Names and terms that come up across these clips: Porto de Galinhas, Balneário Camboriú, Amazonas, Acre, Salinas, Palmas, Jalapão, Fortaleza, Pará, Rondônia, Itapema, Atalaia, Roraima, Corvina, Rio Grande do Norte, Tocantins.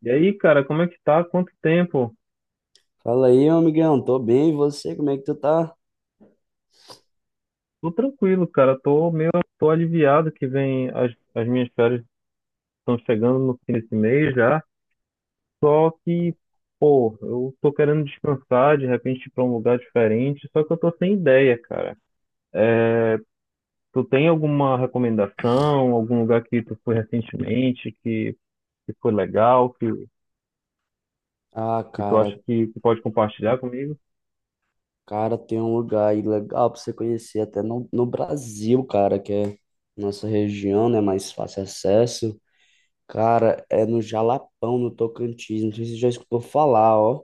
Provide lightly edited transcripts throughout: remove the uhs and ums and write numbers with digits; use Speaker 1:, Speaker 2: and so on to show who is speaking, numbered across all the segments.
Speaker 1: E aí, cara, como é que tá? Quanto tempo?
Speaker 2: Fala aí, meu amigão, tô bem, e você, como é que tu tá?
Speaker 1: Tô tranquilo, cara. Tô aliviado que vem as minhas férias estão chegando no fim desse mês já. Só que, pô, eu tô querendo descansar, de repente ir pra um lugar diferente, só que eu tô sem ideia, cara. Tu tem alguma recomendação, algum lugar que tu foi recentemente, que foi legal,
Speaker 2: Ah,
Speaker 1: que tu acha
Speaker 2: cara,
Speaker 1: que pode compartilhar comigo?
Speaker 2: tem um lugar aí legal pra você conhecer, até no Brasil, cara, que é nossa região, né, mais fácil acesso. Cara, é no Jalapão, no Tocantins, não sei se você já escutou falar, ó.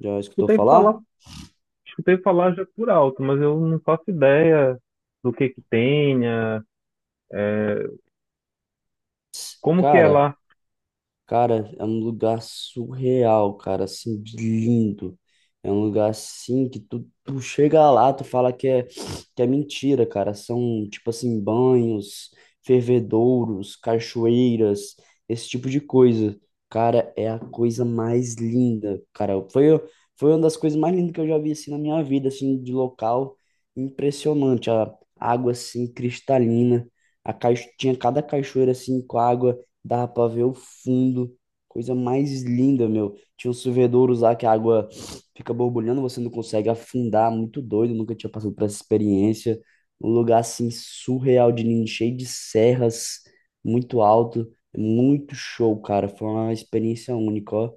Speaker 2: Já escutou
Speaker 1: Escutei falar,
Speaker 2: falar?
Speaker 1: escutei falar já por alto, mas eu não faço ideia do que que tenha. Como que é
Speaker 2: Cara,
Speaker 1: lá?
Speaker 2: Cara, é um lugar surreal, cara, assim, de lindo. É um lugar assim que tu chega lá, tu fala que é mentira, cara. São, tipo assim, banhos, fervedouros, cachoeiras, esse tipo de coisa. Cara, é a coisa mais linda, cara. Foi uma das coisas mais lindas que eu já vi, assim, na minha vida, assim, de local. Impressionante, a água, assim, cristalina. A caixa, tinha cada cachoeira, assim, com água dava pra ver o fundo. Coisa mais linda, meu. Tinha uns fervedouros lá que a água fica borbulhando, você não consegue afundar. Muito doido, nunca tinha passado por essa experiência. Um lugar assim surreal de lindo, cheio de serras, muito alto. Muito show, cara. Foi uma experiência única, ó.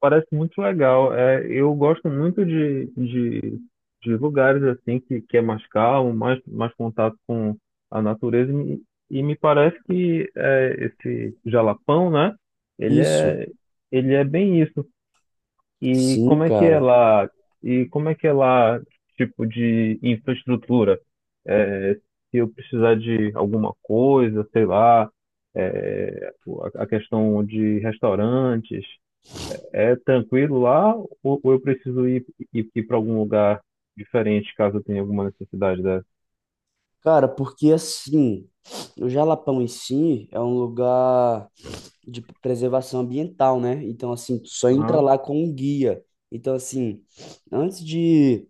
Speaker 1: Parece muito legal. É, eu gosto muito de lugares assim que é mais calmo, mais contato com a natureza. E me parece que é, esse Jalapão, né? Ele
Speaker 2: Isso,
Speaker 1: é, ele é bem isso. E
Speaker 2: sim,
Speaker 1: como é que é
Speaker 2: cara.
Speaker 1: lá? E como é que é lá, tipo de infraestrutura? É, se eu precisar de alguma coisa, sei lá, é, a questão de restaurantes. É tranquilo lá ou eu preciso ir para algum lugar diferente caso eu tenha alguma necessidade dessa?
Speaker 2: Cara, porque assim, o Jalapão em si é um lugar de preservação ambiental, né? Então, assim, tu só entra
Speaker 1: Aham,
Speaker 2: lá com um guia. Então, assim, antes de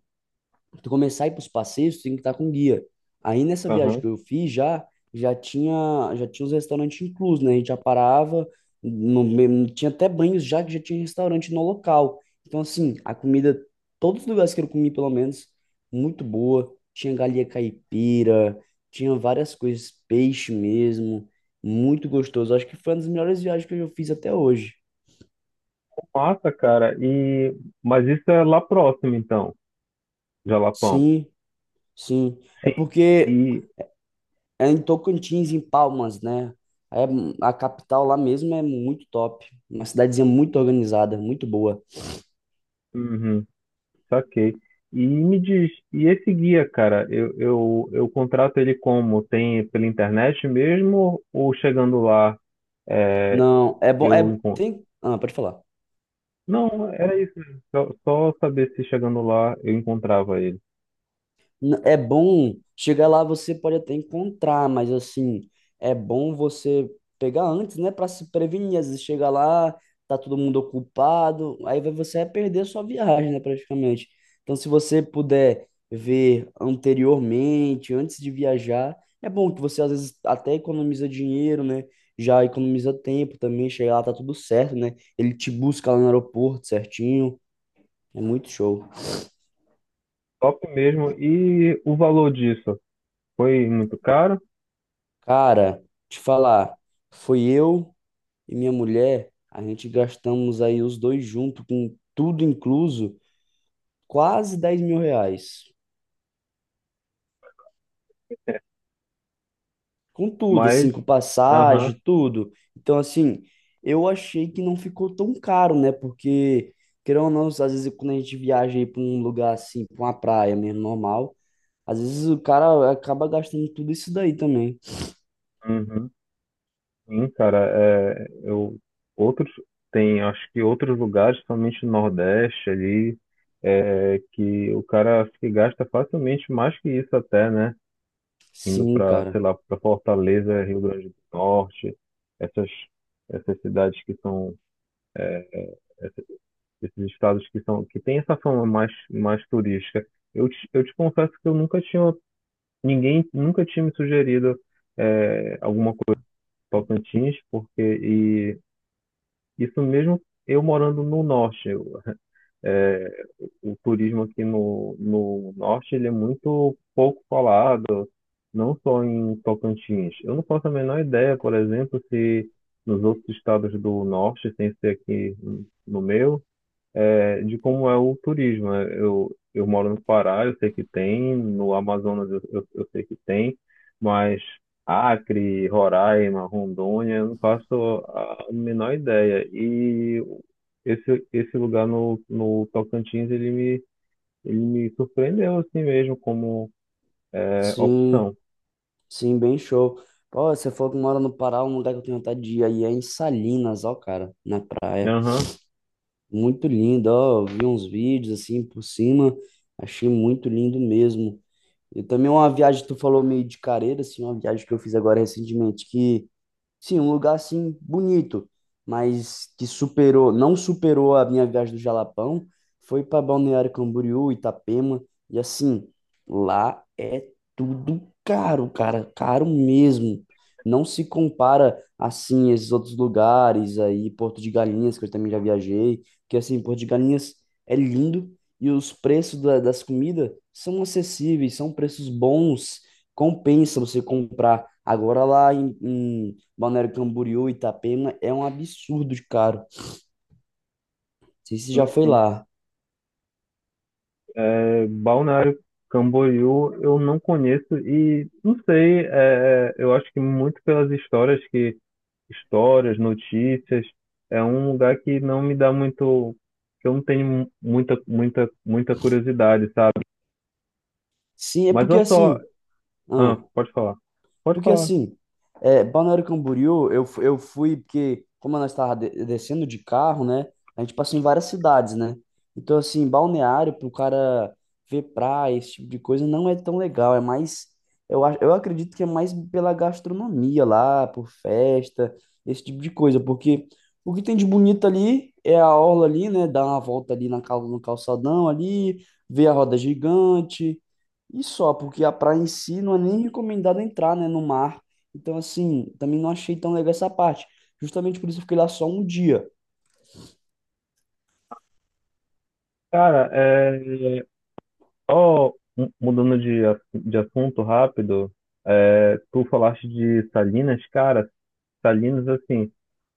Speaker 2: tu começar a ir para os passeios, tu tem que estar com guia. Aí nessa viagem
Speaker 1: aham.
Speaker 2: que eu fiz já, já tinha os restaurantes inclusos, né? A gente já parava, no, me- tinha até banhos já que já tinha restaurante no local. Então assim, a comida, todos os lugares que eu comi pelo menos, muito boa. Tinha galinha caipira, tinha várias coisas, peixe mesmo, muito gostoso. Acho que foi uma das melhores viagens que eu já fiz até hoje.
Speaker 1: Massa, cara. E mas isso é lá próximo então, Jalapão.
Speaker 2: Sim, sim. É
Speaker 1: Sim.
Speaker 2: porque
Speaker 1: E
Speaker 2: é em Tocantins, em Palmas, né? É, a capital lá mesmo é muito top. Uma cidadezinha muito organizada, muito boa.
Speaker 1: uhum, saquei. E me diz, e esse guia, cara, eu contrato ele como? Tem pela internet mesmo ou chegando lá é,
Speaker 2: Não, é bom.
Speaker 1: eu
Speaker 2: É,
Speaker 1: encontro?
Speaker 2: tem, ah, pode falar.
Speaker 1: Não, era isso mesmo. Só saber se chegando lá eu encontrava ele.
Speaker 2: N- É bom, chegar lá você pode até encontrar, mas assim, é bom você pegar antes, né, para se prevenir. Às vezes chega lá, tá todo mundo ocupado, aí vai- você vai perder a sua viagem, né, praticamente. Então, se você puder ver anteriormente, antes de viajar, é bom que você às vezes até economiza dinheiro, né? Já economiza tempo também, chegar lá tá tudo certo, né? Ele te busca lá no aeroporto certinho, é muito show.
Speaker 1: Top mesmo. E o valor disso? Foi muito caro,
Speaker 2: Cara, te falar, foi eu e minha mulher, a gente gastamos aí os dois juntos, com tudo incluso, quase 10 mil reais. Com tudo,
Speaker 1: mas.
Speaker 2: assim, com
Speaker 1: Aham,
Speaker 2: passagem, tudo. Então, assim, eu achei que não ficou tão caro, né? Porque, querendo ou não, às vezes quando a gente viaja aí para um lugar assim, para uma praia mesmo, normal, às vezes o cara acaba gastando tudo isso daí também.
Speaker 1: uhum. Sim, cara. É, eu, outros. Tem, acho que outros lugares, somente no Nordeste ali, é, que o cara acho que gasta facilmente mais que isso até, né? Indo
Speaker 2: Sim,
Speaker 1: para, sei
Speaker 2: cara.
Speaker 1: lá, para Fortaleza, Rio Grande do Norte, essas, essas cidades que são, esses estados que são, que tem essa fama mais turística. Eu te confesso que eu nunca tinha ninguém nunca tinha me sugerido é, alguma coisa em Tocantins, porque e isso mesmo eu morando no norte. Eu, é, o turismo aqui no, no norte ele é muito pouco falado, não só em Tocantins. Eu não faço a menor ideia, por exemplo, se nos outros estados do norte, sem ser aqui no meu, é, de como é o turismo. Né? Eu moro no Pará, eu sei que tem, no Amazonas eu sei que tem, mas Acre, Roraima, Rondônia, eu não faço a menor ideia. E esse lugar no, no Tocantins, ele me surpreendeu assim mesmo como é,
Speaker 2: Sim,
Speaker 1: opção.
Speaker 2: sim, bem show. Pô, você falou que mora no Pará, um lugar que eu tenho vontade de ir aí é em Salinas, ó, cara, na praia.
Speaker 1: Aham,
Speaker 2: Muito lindo, ó, eu vi uns vídeos assim por cima, achei muito lindo mesmo. E também uma viagem que tu falou meio de careira, assim, uma viagem que eu fiz agora recentemente, que sim, um lugar assim bonito, mas que superou, não superou a minha viagem do Jalapão, foi para Balneário Camboriú, Itapema, e assim, lá é tudo caro, cara, caro mesmo. Não se compara assim a esses outros lugares aí, Porto de Galinhas, que eu também já viajei, que assim, Porto de Galinhas é lindo e os preços da- das comidas são acessíveis, são preços bons, compensa você comprar. Agora lá em Balneário Camboriú, Itapema, é um absurdo de caro. Não sei se você
Speaker 1: sim,
Speaker 2: já foi
Speaker 1: sim.
Speaker 2: lá.
Speaker 1: É, Balneário Camboriú eu não conheço e não sei, é, é, eu acho que muito pelas histórias que histórias, notícias. É um lugar que não me dá muito, que eu não tenho muita, muita, muita curiosidade, sabe?
Speaker 2: Sim, é
Speaker 1: Mas
Speaker 2: porque
Speaker 1: eu só,
Speaker 2: assim.
Speaker 1: ah,
Speaker 2: Ah,
Speaker 1: pode falar, pode
Speaker 2: porque
Speaker 1: falar.
Speaker 2: assim, é, Balneário Camboriú, eu, fu- eu fui, porque como nós estávamos descendo de carro, né? A gente passou em várias cidades, né? Então, assim, balneário, para o cara ver praia, esse tipo de coisa, não é tão legal. É mais, eu, a- eu acredito que é mais pela gastronomia lá, por festa, esse tipo de coisa. Porque o que tem de bonito ali é a orla ali, né? Dar uma volta ali na, cal- no calçadão ali, ver a roda gigante. E só, porque a praia em si não é nem recomendado entrar, né, no mar. Então, assim, também não achei tão legal essa parte. Justamente por isso eu fiquei lá só um dia.
Speaker 1: Cara, é, ó, mudando de assunto rápido, é, tu falaste de Salinas, cara, Salinas, assim,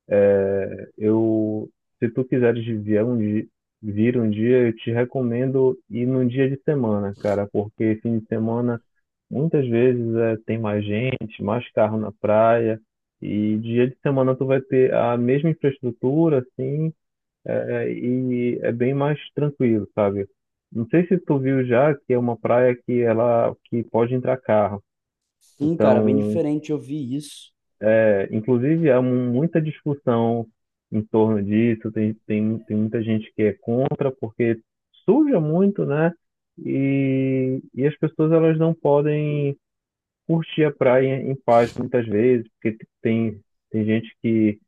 Speaker 1: é, eu, se tu quiseres vir um dia, eu te recomendo ir num dia de semana, cara, porque fim de semana muitas vezes é, tem mais gente, mais carro na praia, e dia de semana tu vai ter a mesma infraestrutura, assim, é, é, e é bem mais tranquilo, sabe? Não sei se tu viu já que é uma praia que ela que pode entrar carro.
Speaker 2: Sim, cara, bem
Speaker 1: Então,
Speaker 2: diferente, eu vi isso.
Speaker 1: é, inclusive há muita discussão em torno disso. Tem muita gente que é contra porque suja muito, né? E as pessoas elas não podem curtir a praia em paz muitas vezes, porque tem, tem gente que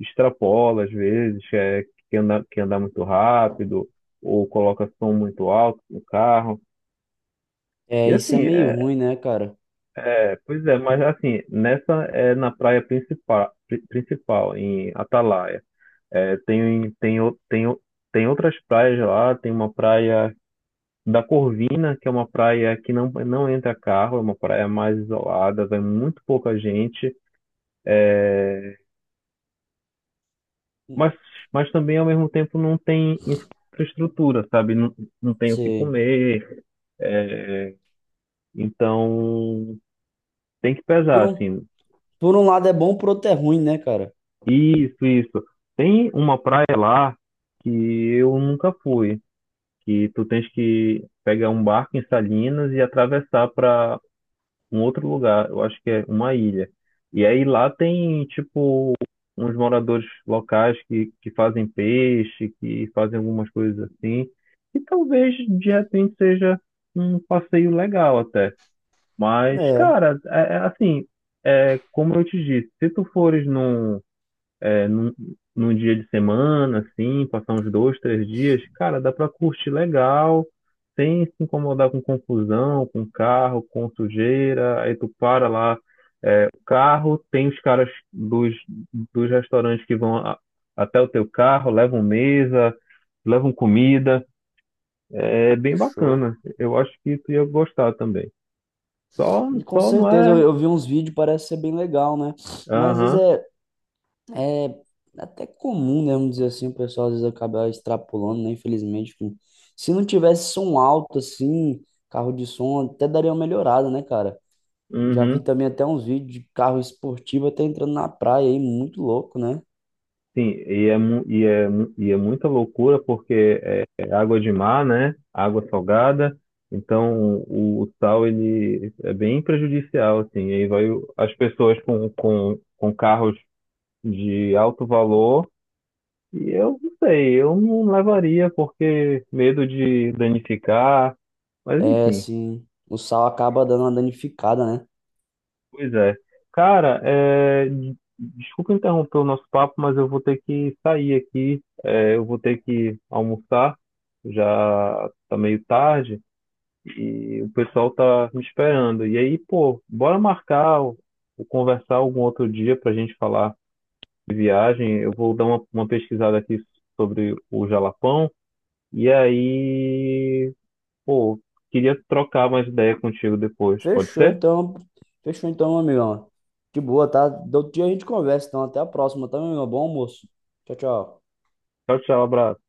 Speaker 1: extrapola às vezes, é, que anda muito rápido, ou coloca som muito alto no carro. E
Speaker 2: É, isso
Speaker 1: assim,
Speaker 2: é meio
Speaker 1: é,
Speaker 2: ruim, né, cara?
Speaker 1: é, pois é, mas assim, nessa é na praia principal, principal em Atalaia. É, tem outras praias lá, tem uma praia da Corvina, que é uma praia que não, não entra carro, é uma praia mais isolada, vai muito pouca gente. mas, mas também ao mesmo tempo não tem infraestrutura, sabe? Não, não tem o que
Speaker 2: Sei.
Speaker 1: comer, é, então tem que
Speaker 2: Por
Speaker 1: pesar,
Speaker 2: um,
Speaker 1: assim.
Speaker 2: por um lado é bom, por outro é ruim, né, cara?
Speaker 1: Isso, isso. Tem uma praia lá que eu nunca fui, que tu tens que pegar um barco em Salinas e atravessar para um outro lugar, eu acho que é uma ilha. E aí lá tem, tipo, uns moradores locais que fazem peixe, que fazem algumas coisas assim. E talvez de repente seja um passeio legal até. Mas,
Speaker 2: É,
Speaker 1: cara, é assim, é, como eu te disse, se tu fores num é, num dia de semana, assim, passar uns dois, três dias, cara, dá pra curtir legal, sem se incomodar com confusão, com carro, com sujeira. Aí tu para lá, é, o carro, tem os caras dos restaurantes que vão até o teu carro, levam mesa, levam comida. É é
Speaker 2: que
Speaker 1: bem
Speaker 2: show.
Speaker 1: bacana. Eu acho que tu ia gostar também. Só,
Speaker 2: E com
Speaker 1: só não
Speaker 2: certeza
Speaker 1: é.
Speaker 2: eu vi uns vídeos, parece ser bem legal, né? Mas às vezes
Speaker 1: Aham,
Speaker 2: é, é até comum, né? Vamos dizer assim, o pessoal às vezes acaba extrapolando, né? Infelizmente. Que se não tivesse som alto, assim, carro de som, até daria uma melhorada, né, cara? Já
Speaker 1: uhum.
Speaker 2: vi também até uns vídeos de carro esportivo até entrando na praia aí, muito louco, né?
Speaker 1: Sim, e é muita loucura porque é, é água de mar, né? Água salgada. Então o sal ele é bem prejudicial, assim. E aí vai o- as pessoas com carros de alto valor. E eu não sei, eu não levaria porque medo de danificar. Mas
Speaker 2: É
Speaker 1: enfim.
Speaker 2: assim, o sal acaba dando uma danificada, né?
Speaker 1: Pois é. Cara, é, desculpa interromper o nosso papo, mas eu vou ter que sair aqui. É, eu vou ter que almoçar, já tá meio tarde e o pessoal tá me esperando. E aí, pô, bora marcar ou conversar algum outro dia pra gente falar de viagem. Eu vou dar uma pesquisada aqui sobre o Jalapão e aí, pô, queria trocar mais ideia contigo depois, pode
Speaker 2: Fechou
Speaker 1: ser?
Speaker 2: então, meu amigão. De boa, tá? Do outro dia a gente conversa, então até a próxima, tá, meu amigão? Bom almoço. Tchau, tchau.
Speaker 1: Tchau, tchau, abraço.